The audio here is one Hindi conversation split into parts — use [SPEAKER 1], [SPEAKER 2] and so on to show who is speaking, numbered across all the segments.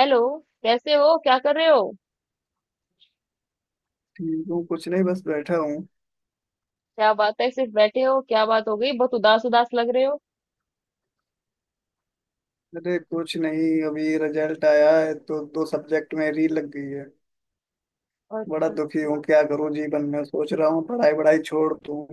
[SPEAKER 1] हेलो। कैसे हो, क्या कर रहे हो?
[SPEAKER 2] ठीक हूँ। कुछ नहीं, बस बैठा हूँ।
[SPEAKER 1] क्या बात है, सिर्फ बैठे हो? क्या बात हो गई, बहुत उदास उदास लग रहे हो।
[SPEAKER 2] अरे कुछ नहीं, अभी रिजल्ट आया है तो दो सब्जेक्ट में री लग गई है। बड़ा
[SPEAKER 1] अच्छा
[SPEAKER 2] दुखी
[SPEAKER 1] अच्छा।
[SPEAKER 2] हूँ, क्या करूँ जीवन में। सोच रहा हूँ पढ़ाई वढ़ाई छोड़ दूँ।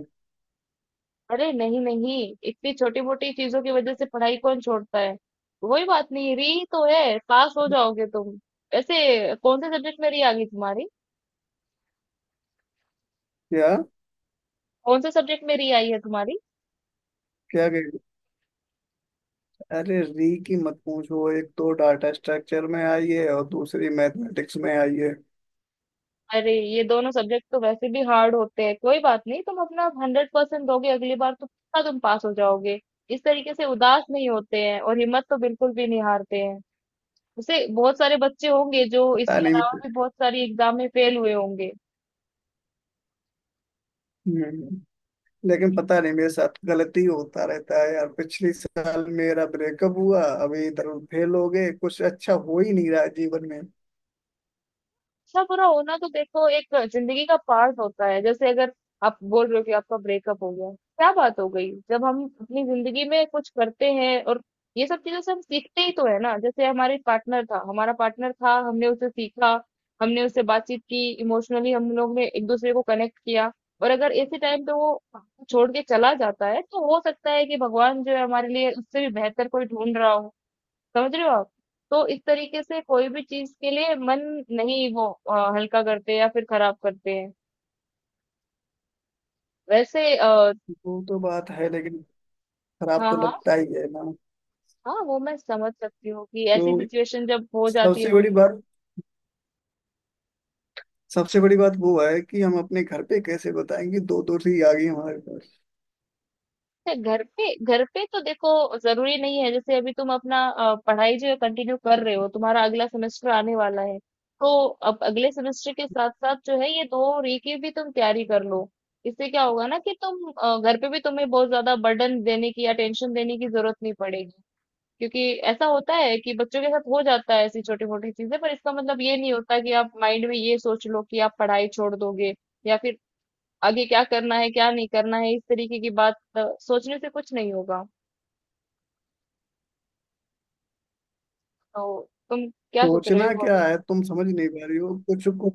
[SPEAKER 1] अरे नहीं नहीं, इतनी छोटी मोटी चीजों की वजह से पढ़ाई कौन छोड़ता है। कोई बात नहीं, री तो है, पास हो जाओगे तुम। वैसे कौन से सब्जेक्ट में री आ गई तुम्हारी?
[SPEAKER 2] क्या?
[SPEAKER 1] कौन से सब्जेक्ट में री आई है तुम्हारी?
[SPEAKER 2] क्या कह- अरे री की मत पूछो, एक तो डाटा स्ट्रक्चर में आई है और दूसरी मैथमेटिक्स में आई है।
[SPEAKER 1] अरे ये दोनों सब्जेक्ट तो वैसे भी हार्ड होते हैं, कोई बात नहीं, तुम अपना हंड्रेड परसेंट दोगे अगली बार तो पक्का तुम पास हो जाओगे। इस तरीके से उदास नहीं होते हैं, और हिम्मत तो बिल्कुल भी नहीं हारते हैं। वैसे बहुत सारे बच्चे होंगे जो
[SPEAKER 2] पता
[SPEAKER 1] इसके
[SPEAKER 2] नहीं
[SPEAKER 1] अलावा
[SPEAKER 2] मेरे-
[SPEAKER 1] भी बहुत सारी एग्जाम में फेल हुए होंगे।
[SPEAKER 2] हम्म, लेकिन पता नहीं मेरे साथ गलती होता रहता है यार। पिछले साल मेरा ब्रेकअप हुआ, अभी इधर फेल हो गए। कुछ अच्छा हो ही नहीं रहा है जीवन में।
[SPEAKER 1] अच्छा बुरा होना तो देखो एक जिंदगी का पार्ट होता है। जैसे अगर आप बोल रहे हो कि आपका ब्रेकअप हो गया, क्या बात हो गई। जब हम अपनी जिंदगी में कुछ करते हैं, और ये सब चीजों से हम सीखते ही तो है ना। जैसे हमारे पार्टनर था, हमारा पार्टनर था, हमने उसे सीखा, हमने उससे बातचीत की, इमोशनली हम लोग ने एक दूसरे को कनेक्ट किया। और अगर ऐसे टाइम पे वो छोड़ के चला जाता है, तो हो सकता है कि भगवान जो है हमारे लिए उससे भी बेहतर कोई ढूंढ रहा हो। समझ रहे हो आप? तो इस तरीके से कोई भी चीज के लिए मन नहीं, वो हल्का करते या फिर खराब करते हैं। वैसे आ,
[SPEAKER 2] वो तो बात है, लेकिन खराब
[SPEAKER 1] हाँ
[SPEAKER 2] तो
[SPEAKER 1] हाँ।
[SPEAKER 2] लगता ही है ना।
[SPEAKER 1] हाँ वो मैं समझ सकती हूँ कि ऐसी
[SPEAKER 2] तो
[SPEAKER 1] सिचुएशन जब हो जाती
[SPEAKER 2] सबसे
[SPEAKER 1] है
[SPEAKER 2] बड़ी
[SPEAKER 1] जिंदगी
[SPEAKER 2] बात सबसे बड़ी बात वो है कि हम अपने घर पे कैसे बताएंगे, दो दोषी आ गई हमारे पास।
[SPEAKER 1] में। घर पे, घर पे तो देखो जरूरी नहीं है। जैसे अभी तुम अपना पढ़ाई जो है कंटिन्यू कर रहे हो, तुम्हारा अगला सेमेस्टर आने वाला है। तो अब अगले सेमेस्टर के साथ साथ जो है ये दो री की भी तुम तैयारी कर लो। इससे क्या होगा ना कि तुम घर पे भी तुम्हें बहुत ज्यादा बर्डन देने की या टेंशन देने की जरूरत नहीं पड़ेगी। क्योंकि ऐसा होता है, कि बच्चों के साथ हो जाता है ऐसी छोटी मोटी चीजें, पर इसका मतलब ये नहीं होता कि आप माइंड में ये सोच लो कि आप पढ़ाई छोड़ दोगे, या फिर आगे क्या करना है क्या नहीं करना है, इस तरीके की बात सोचने से कुछ नहीं होगा। तो तुम क्या सोच रहे
[SPEAKER 2] सोचना
[SPEAKER 1] हो
[SPEAKER 2] क्या
[SPEAKER 1] अभी?
[SPEAKER 2] है, तुम समझ नहीं पा रही हो कुछ को।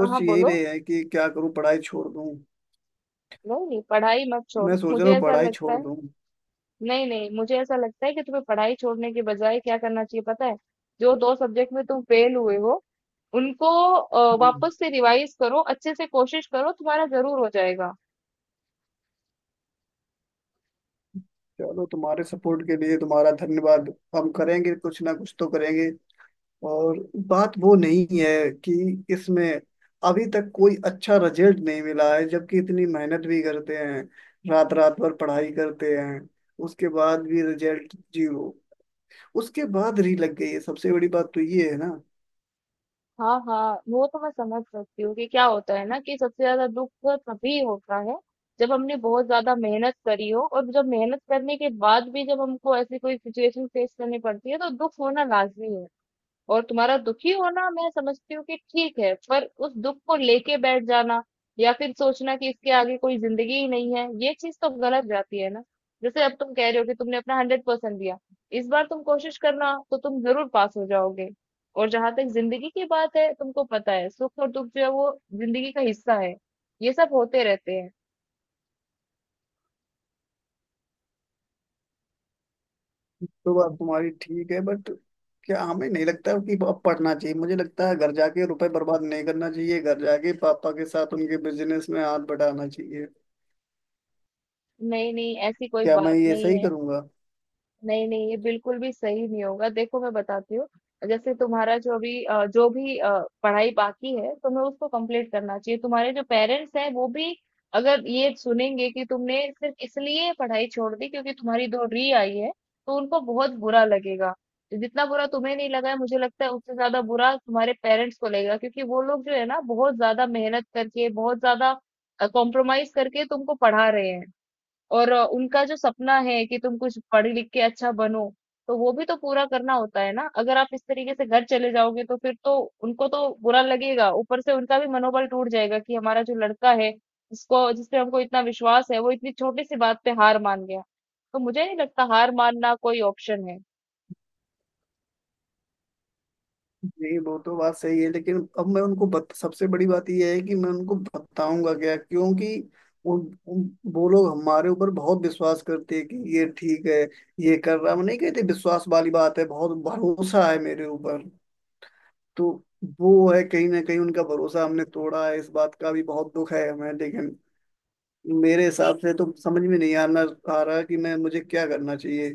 [SPEAKER 1] हाँ हाँ
[SPEAKER 2] यही
[SPEAKER 1] बोलो।
[SPEAKER 2] रहे हैं कि क्या करूं, पढ़ाई छोड़ दूं।
[SPEAKER 1] नहीं नहीं पढ़ाई मत छोड़ो,
[SPEAKER 2] मैं सोच
[SPEAKER 1] मुझे
[SPEAKER 2] रहा हूँ
[SPEAKER 1] ऐसा
[SPEAKER 2] पढ़ाई
[SPEAKER 1] लगता
[SPEAKER 2] छोड़
[SPEAKER 1] है।
[SPEAKER 2] दूं।
[SPEAKER 1] नहीं नहीं, मुझे ऐसा लगता है कि तुम्हें पढ़ाई छोड़ने के बजाय क्या करना चाहिए पता है, जो दो सब्जेक्ट में तुम फेल हुए हो, उनको
[SPEAKER 2] हम्म,
[SPEAKER 1] वापस से रिवाइज करो, अच्छे से कोशिश करो, तुम्हारा जरूर हो जाएगा।
[SPEAKER 2] चलो, तुम्हारे सपोर्ट के लिए तुम्हारा धन्यवाद। हम करेंगे, कुछ ना कुछ तो करेंगे। और बात वो नहीं है कि इसमें अभी तक कोई अच्छा रिजल्ट नहीं मिला है, जबकि इतनी मेहनत भी करते हैं। रात रात भर पढ़ाई करते हैं, उसके बाद भी रिजल्ट जीरो। उसके बाद री लग गई है, सबसे बड़ी बात तो ये है ना।
[SPEAKER 1] हाँ हाँ, वो तो मैं समझ सकती हूँ कि क्या होता है ना, कि सबसे ज्यादा दुख तो तभी होता है जब हमने बहुत ज्यादा मेहनत करी हो, और जब मेहनत करने के बाद भी जब हमको ऐसी कोई सिचुएशन फेस करनी पड़ती है, तो दुख होना लाजमी है। और तुम्हारा दुखी होना मैं समझती हूँ कि ठीक है, पर उस दुख को लेके बैठ जाना, या फिर सोचना कि इसके आगे कोई जिंदगी ही नहीं है, ये चीज तो गलत जाती है ना। जैसे अब तुम कह रहे हो कि तुमने अपना हंड्रेड परसेंट दिया, इस बार तुम कोशिश करना तो तुम जरूर पास हो जाओगे। और जहां तक जिंदगी की बात है, तुमको पता है, सुख और दुख जो है वो जिंदगी का हिस्सा है, ये सब होते रहते हैं।
[SPEAKER 2] तो बात तुम्हारी ठीक है, बट क्या हमें नहीं लगता कि अब पढ़ना चाहिए। मुझे लगता है घर जाके रुपए बर्बाद नहीं करना चाहिए, घर जाके पापा के साथ उनके बिजनेस में हाथ बटाना चाहिए।
[SPEAKER 1] नहीं नहीं ऐसी कोई
[SPEAKER 2] क्या मैं
[SPEAKER 1] बात
[SPEAKER 2] ये
[SPEAKER 1] नहीं
[SPEAKER 2] सही
[SPEAKER 1] है।
[SPEAKER 2] करूंगा?
[SPEAKER 1] नहीं, नहीं, ये बिल्कुल भी सही नहीं होगा। देखो मैं बताती हूँ, जैसे तुम्हारा जो भी पढ़ाई बाकी है, तुम्हें उसको कंप्लीट करना चाहिए। तुम्हारे जो पेरेंट्स हैं, वो भी अगर ये सुनेंगे कि तुमने सिर्फ इसलिए पढ़ाई छोड़ दी क्योंकि तुम्हारी डोहरी आई है, तो उनको बहुत बुरा लगेगा। जितना बुरा तुम्हें नहीं लगा है, मुझे लगता है उससे ज्यादा बुरा तुम्हारे पेरेंट्स को लगेगा, क्योंकि वो लोग जो है ना बहुत ज्यादा मेहनत करके, बहुत ज्यादा कॉम्प्रोमाइज करके तुमको पढ़ा रहे हैं। और उनका जो सपना है कि तुम कुछ पढ़ लिख के अच्छा बनो, तो वो भी तो पूरा करना होता है ना। अगर आप इस तरीके से घर चले जाओगे तो फिर तो उनको तो बुरा लगेगा, ऊपर से उनका भी मनोबल टूट जाएगा कि हमारा जो लड़का है जिसको, जिस पे हमको इतना विश्वास है, वो इतनी छोटी सी बात पे हार मान गया। तो मुझे नहीं लगता हार मानना कोई ऑप्शन है।
[SPEAKER 2] नहीं, वो तो बात सही है, लेकिन अब मैं सबसे बड़ी बात यह है कि मैं उनको बताऊंगा क्या, क्योंकि उन, उन, वो लोग हमारे ऊपर बहुत विश्वास करते हैं कि ये ठीक है, ये कर रहा है। हम नहीं कहते, विश्वास वाली बात है, बहुत भरोसा है मेरे ऊपर। तो वो है, कहीं ना कहीं उनका भरोसा हमने तोड़ा है, इस बात का भी बहुत दुख है हमें। लेकिन मेरे हिसाब से तो समझ में नहीं आना आ रहा कि मैं मुझे क्या करना चाहिए।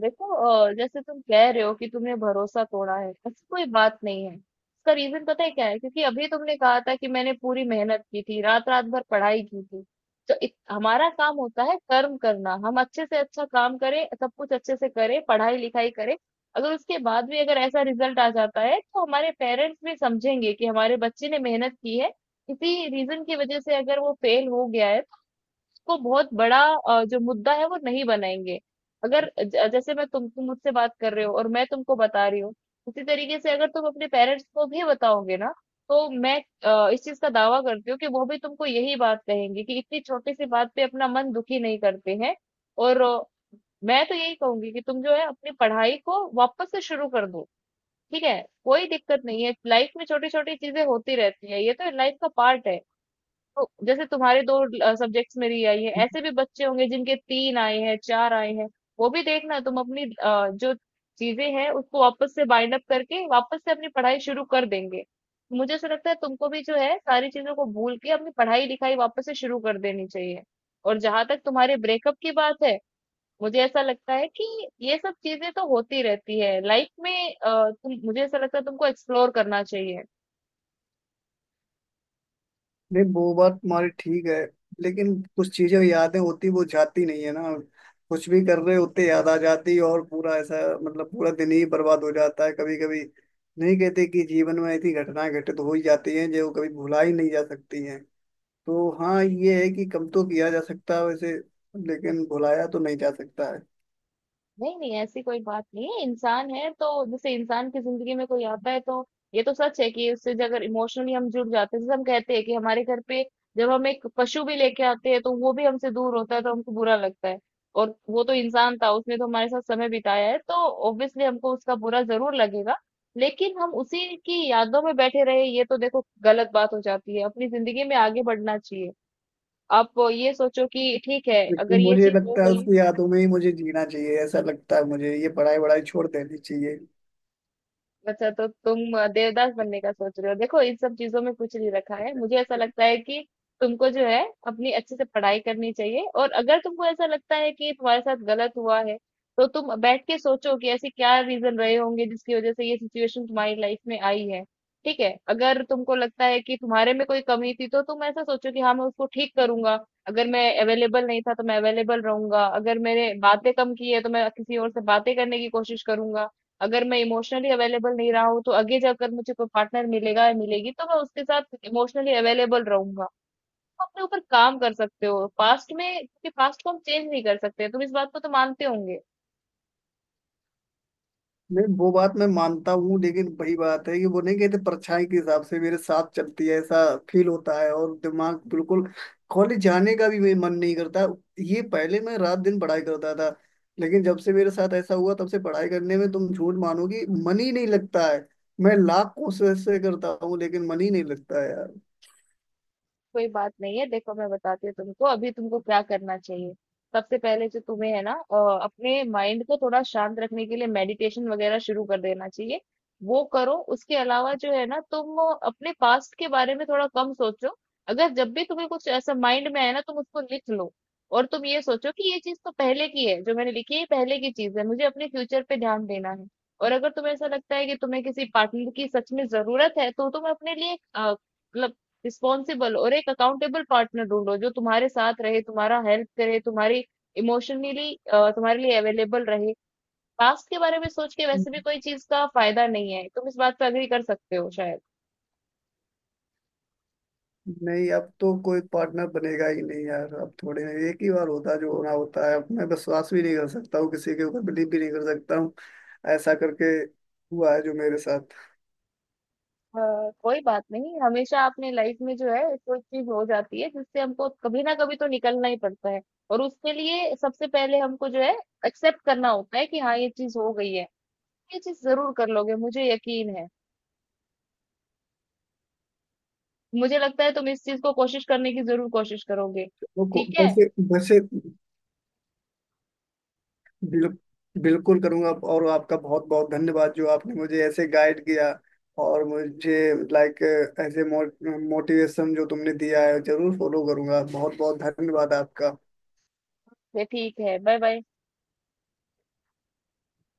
[SPEAKER 1] देखो जैसे तुम कह रहे हो कि तुमने भरोसा तोड़ा है, ऐसी कोई बात नहीं है। इसका रीजन पता है क्या है, क्योंकि अभी तुमने कहा था कि मैंने पूरी मेहनत की थी, रात रात भर पढ़ाई की थी। तो हमारा काम होता है कर्म करना, हम अच्छे से अच्छा काम करें, सब कुछ अच्छे से करें, पढ़ाई लिखाई करें। अगर उसके बाद भी अगर ऐसा रिजल्ट आ जाता है, तो हमारे पेरेंट्स भी समझेंगे कि हमारे बच्चे ने मेहनत की है, किसी रीजन की वजह से अगर वो फेल हो गया है, को बहुत बड़ा जो मुद्दा है वो नहीं बनाएंगे। अगर जैसे मैं तुम मुझसे बात कर रहे हो और मैं तुमको बता रही हूँ, उसी तरीके से अगर तुम अपने पेरेंट्स को भी बताओगे ना, तो मैं इस चीज का दावा करती हूँ कि वो भी तुमको यही बात कहेंगे कि इतनी छोटी सी बात पे अपना मन दुखी नहीं करते हैं। और मैं तो यही कहूंगी कि तुम जो है अपनी पढ़ाई को वापस से शुरू कर दो। ठीक है? कोई दिक्कत नहीं है, लाइफ में छोटी छोटी चीजें होती रहती है, ये तो लाइफ का पार्ट है। तो जैसे तुम्हारे दो सब्जेक्ट्स मेरी आई है, ऐसे भी बच्चे होंगे जिनके तीन आए हैं, चार आए हैं। वो भी देखना, तुम अपनी जो चीजें हैं उसको वापस से बाइंड अप करके वापस से अपनी पढ़ाई शुरू कर देंगे। मुझे ऐसा लगता है तुमको भी जो है सारी चीजों को भूल के अपनी पढ़ाई लिखाई वापस से शुरू कर देनी चाहिए। और जहां तक तुम्हारे ब्रेकअप की बात है, मुझे ऐसा लगता है कि ये सब चीजें तो होती रहती है लाइफ में। तुम, मुझे ऐसा लगता है तुमको एक्सप्लोर करना चाहिए।
[SPEAKER 2] नहीं, वो बात तुम्हारी ठीक है, लेकिन कुछ चीजें यादें होती, वो जाती नहीं है ना। कुछ भी कर रहे होते, याद आ जाती, और पूरा ऐसा, मतलब पूरा दिन ही बर्बाद हो जाता है कभी कभी। नहीं कहते कि जीवन में ऐसी घटनाएं घटित हो ही जाती हैं जो कभी भुला ही नहीं जा सकती हैं। तो हाँ, ये है कि कम तो किया जा सकता है वैसे, लेकिन भुलाया तो नहीं जा सकता है।
[SPEAKER 1] नहीं नहीं ऐसी कोई बात नहीं है, इंसान है तो, जैसे इंसान की जिंदगी में कोई आता है तो ये तो सच है कि उससे जो अगर इमोशनली हम जुड़ जाते हैं। जैसे हम कहते हैं कि हमारे घर पे जब हम एक पशु भी लेके आते हैं, तो वो भी हमसे दूर होता है तो हमको बुरा लगता है। और वो तो इंसान था, उसने तो हमारे साथ समय बिताया है, तो ऑब्वियसली हमको उसका बुरा जरूर लगेगा। लेकिन हम उसी की यादों में बैठे रहे, ये तो देखो गलत बात हो जाती है, अपनी जिंदगी में आगे बढ़ना चाहिए। आप ये सोचो कि ठीक है, अगर
[SPEAKER 2] लेकिन
[SPEAKER 1] ये
[SPEAKER 2] मुझे
[SPEAKER 1] चीज हो
[SPEAKER 2] लगता है
[SPEAKER 1] गई।
[SPEAKER 2] उसकी यादों में ही मुझे जीना चाहिए। ऐसा लगता है मुझे ये पढ़ाई वढ़ाई छोड़ देनी चाहिए।
[SPEAKER 1] अच्छा, तो तुम देवदास बनने का सोच रहे हो। देखो इन सब चीजों में कुछ नहीं रखा है, मुझे ऐसा लगता है कि तुमको जो है अपनी अच्छे से पढ़ाई करनी चाहिए। और अगर तुमको ऐसा लगता है कि तुम्हारे साथ गलत हुआ है, तो तुम बैठ के सोचो कि ऐसे क्या रीजन रहे होंगे जिसकी वजह से ये सिचुएशन तुम्हारी लाइफ में आई है। ठीक है? अगर तुमको लगता है कि तुम्हारे में कोई कमी थी, तो तुम ऐसा सोचो कि हाँ मैं उसको ठीक करूंगा। अगर मैं अवेलेबल नहीं था तो मैं अवेलेबल रहूंगा, अगर मैंने बातें कम की है तो मैं किसी और से बातें करने की कोशिश करूंगा, अगर मैं इमोशनली अवेलेबल नहीं रहा हूँ तो आगे जाकर मुझे कोई पार्टनर मिलेगा या मिलेगी तो मैं उसके साथ इमोशनली अवेलेबल रहूंगा। तुम अपने ऊपर काम कर सकते हो। पास्ट में, क्योंकि पास्ट को हम चेंज नहीं कर सकते, तुम इस बात को तो मानते होंगे।
[SPEAKER 2] नहीं, वो बात मैं मानता हूँ, लेकिन वही बात है कि वो नहीं कहते, परछाई के हिसाब से मेरे साथ चलती है, ऐसा फील होता है। और दिमाग बिल्कुल, कॉलेज जाने का भी मेरा मन नहीं करता। ये पहले मैं रात दिन पढ़ाई करता था, लेकिन जब से मेरे साथ ऐसा हुआ, तब से पढ़ाई करने में, तुम झूठ मानोगी, मन ही नहीं लगता है। मैं लाख कोशिशें करता हूँ लेकिन मन ही नहीं लगता है यार।
[SPEAKER 1] कोई बात नहीं है, देखो मैं बताती हूँ तुमको अभी तुमको क्या करना चाहिए। सबसे पहले जो तुम्हें है ना अपने माइंड को थोड़ा शांत रखने के लिए मेडिटेशन वगैरह शुरू कर देना चाहिए, वो करो। उसके अलावा जो है ना, तुम अपने पास्ट के बारे में थोड़ा कम सोचो। अगर जब भी तुम्हें कुछ ऐसा माइंड में है ना, तुम उसको लिख लो, और तुम ये सोचो कि ये चीज तो पहले की है, जो मैंने लिखी है ये पहले की चीज है, मुझे अपने फ्यूचर पे ध्यान देना है। और अगर तुम्हें ऐसा लगता है कि तुम्हें किसी पार्टनर की सच में जरूरत है, तो तुम अपने लिए मतलब रिस्पॉन्सिबल और एक अकाउंटेबल पार्टनर ढूंढो, जो तुम्हारे साथ रहे, तुम्हारा हेल्प करे, तुम्हारी, इमोशनली तुम्हारे लिए अवेलेबल रहे। पास्ट के बारे में सोच के वैसे भी कोई चीज का फायदा नहीं है, तुम इस बात पे अग्री कर सकते हो शायद।
[SPEAKER 2] नहीं, अब तो कोई पार्टनर बनेगा ही नहीं यार। अब थोड़े में एक ही बार होता है जो होना होता है। अब मैं विश्वास भी नहीं कर सकता हूँ किसी के ऊपर, बिलीव भी नहीं कर सकता हूँ ऐसा करके। हुआ है जो मेरे साथ।
[SPEAKER 1] हाँ, कोई बात नहीं, हमेशा अपने लाइफ में जो है कोई चीज हो जाती है जिससे हमको कभी ना कभी तो निकलना ही पड़ता है। और उसके लिए सबसे पहले हमको जो है एक्सेप्ट करना होता है कि हाँ ये चीज हो गई है। ये चीज जरूर कर लोगे, मुझे यकीन है। मुझे लगता है तुम इस चीज को कोशिश करने की जरूर कोशिश करोगे। ठीक है,
[SPEAKER 2] वैसे, वैसे बिल, बिल्कुल करूंगा। और आपका बहुत बहुत धन्यवाद जो आपने मुझे ऐसे गाइड किया। और मुझे लाइक ऐसे मोटिवेशन जो तुमने दिया है, जरूर फॉलो करूंगा। बहुत बहुत धन्यवाद आपका।
[SPEAKER 1] ये ठीक है, बाय बाय।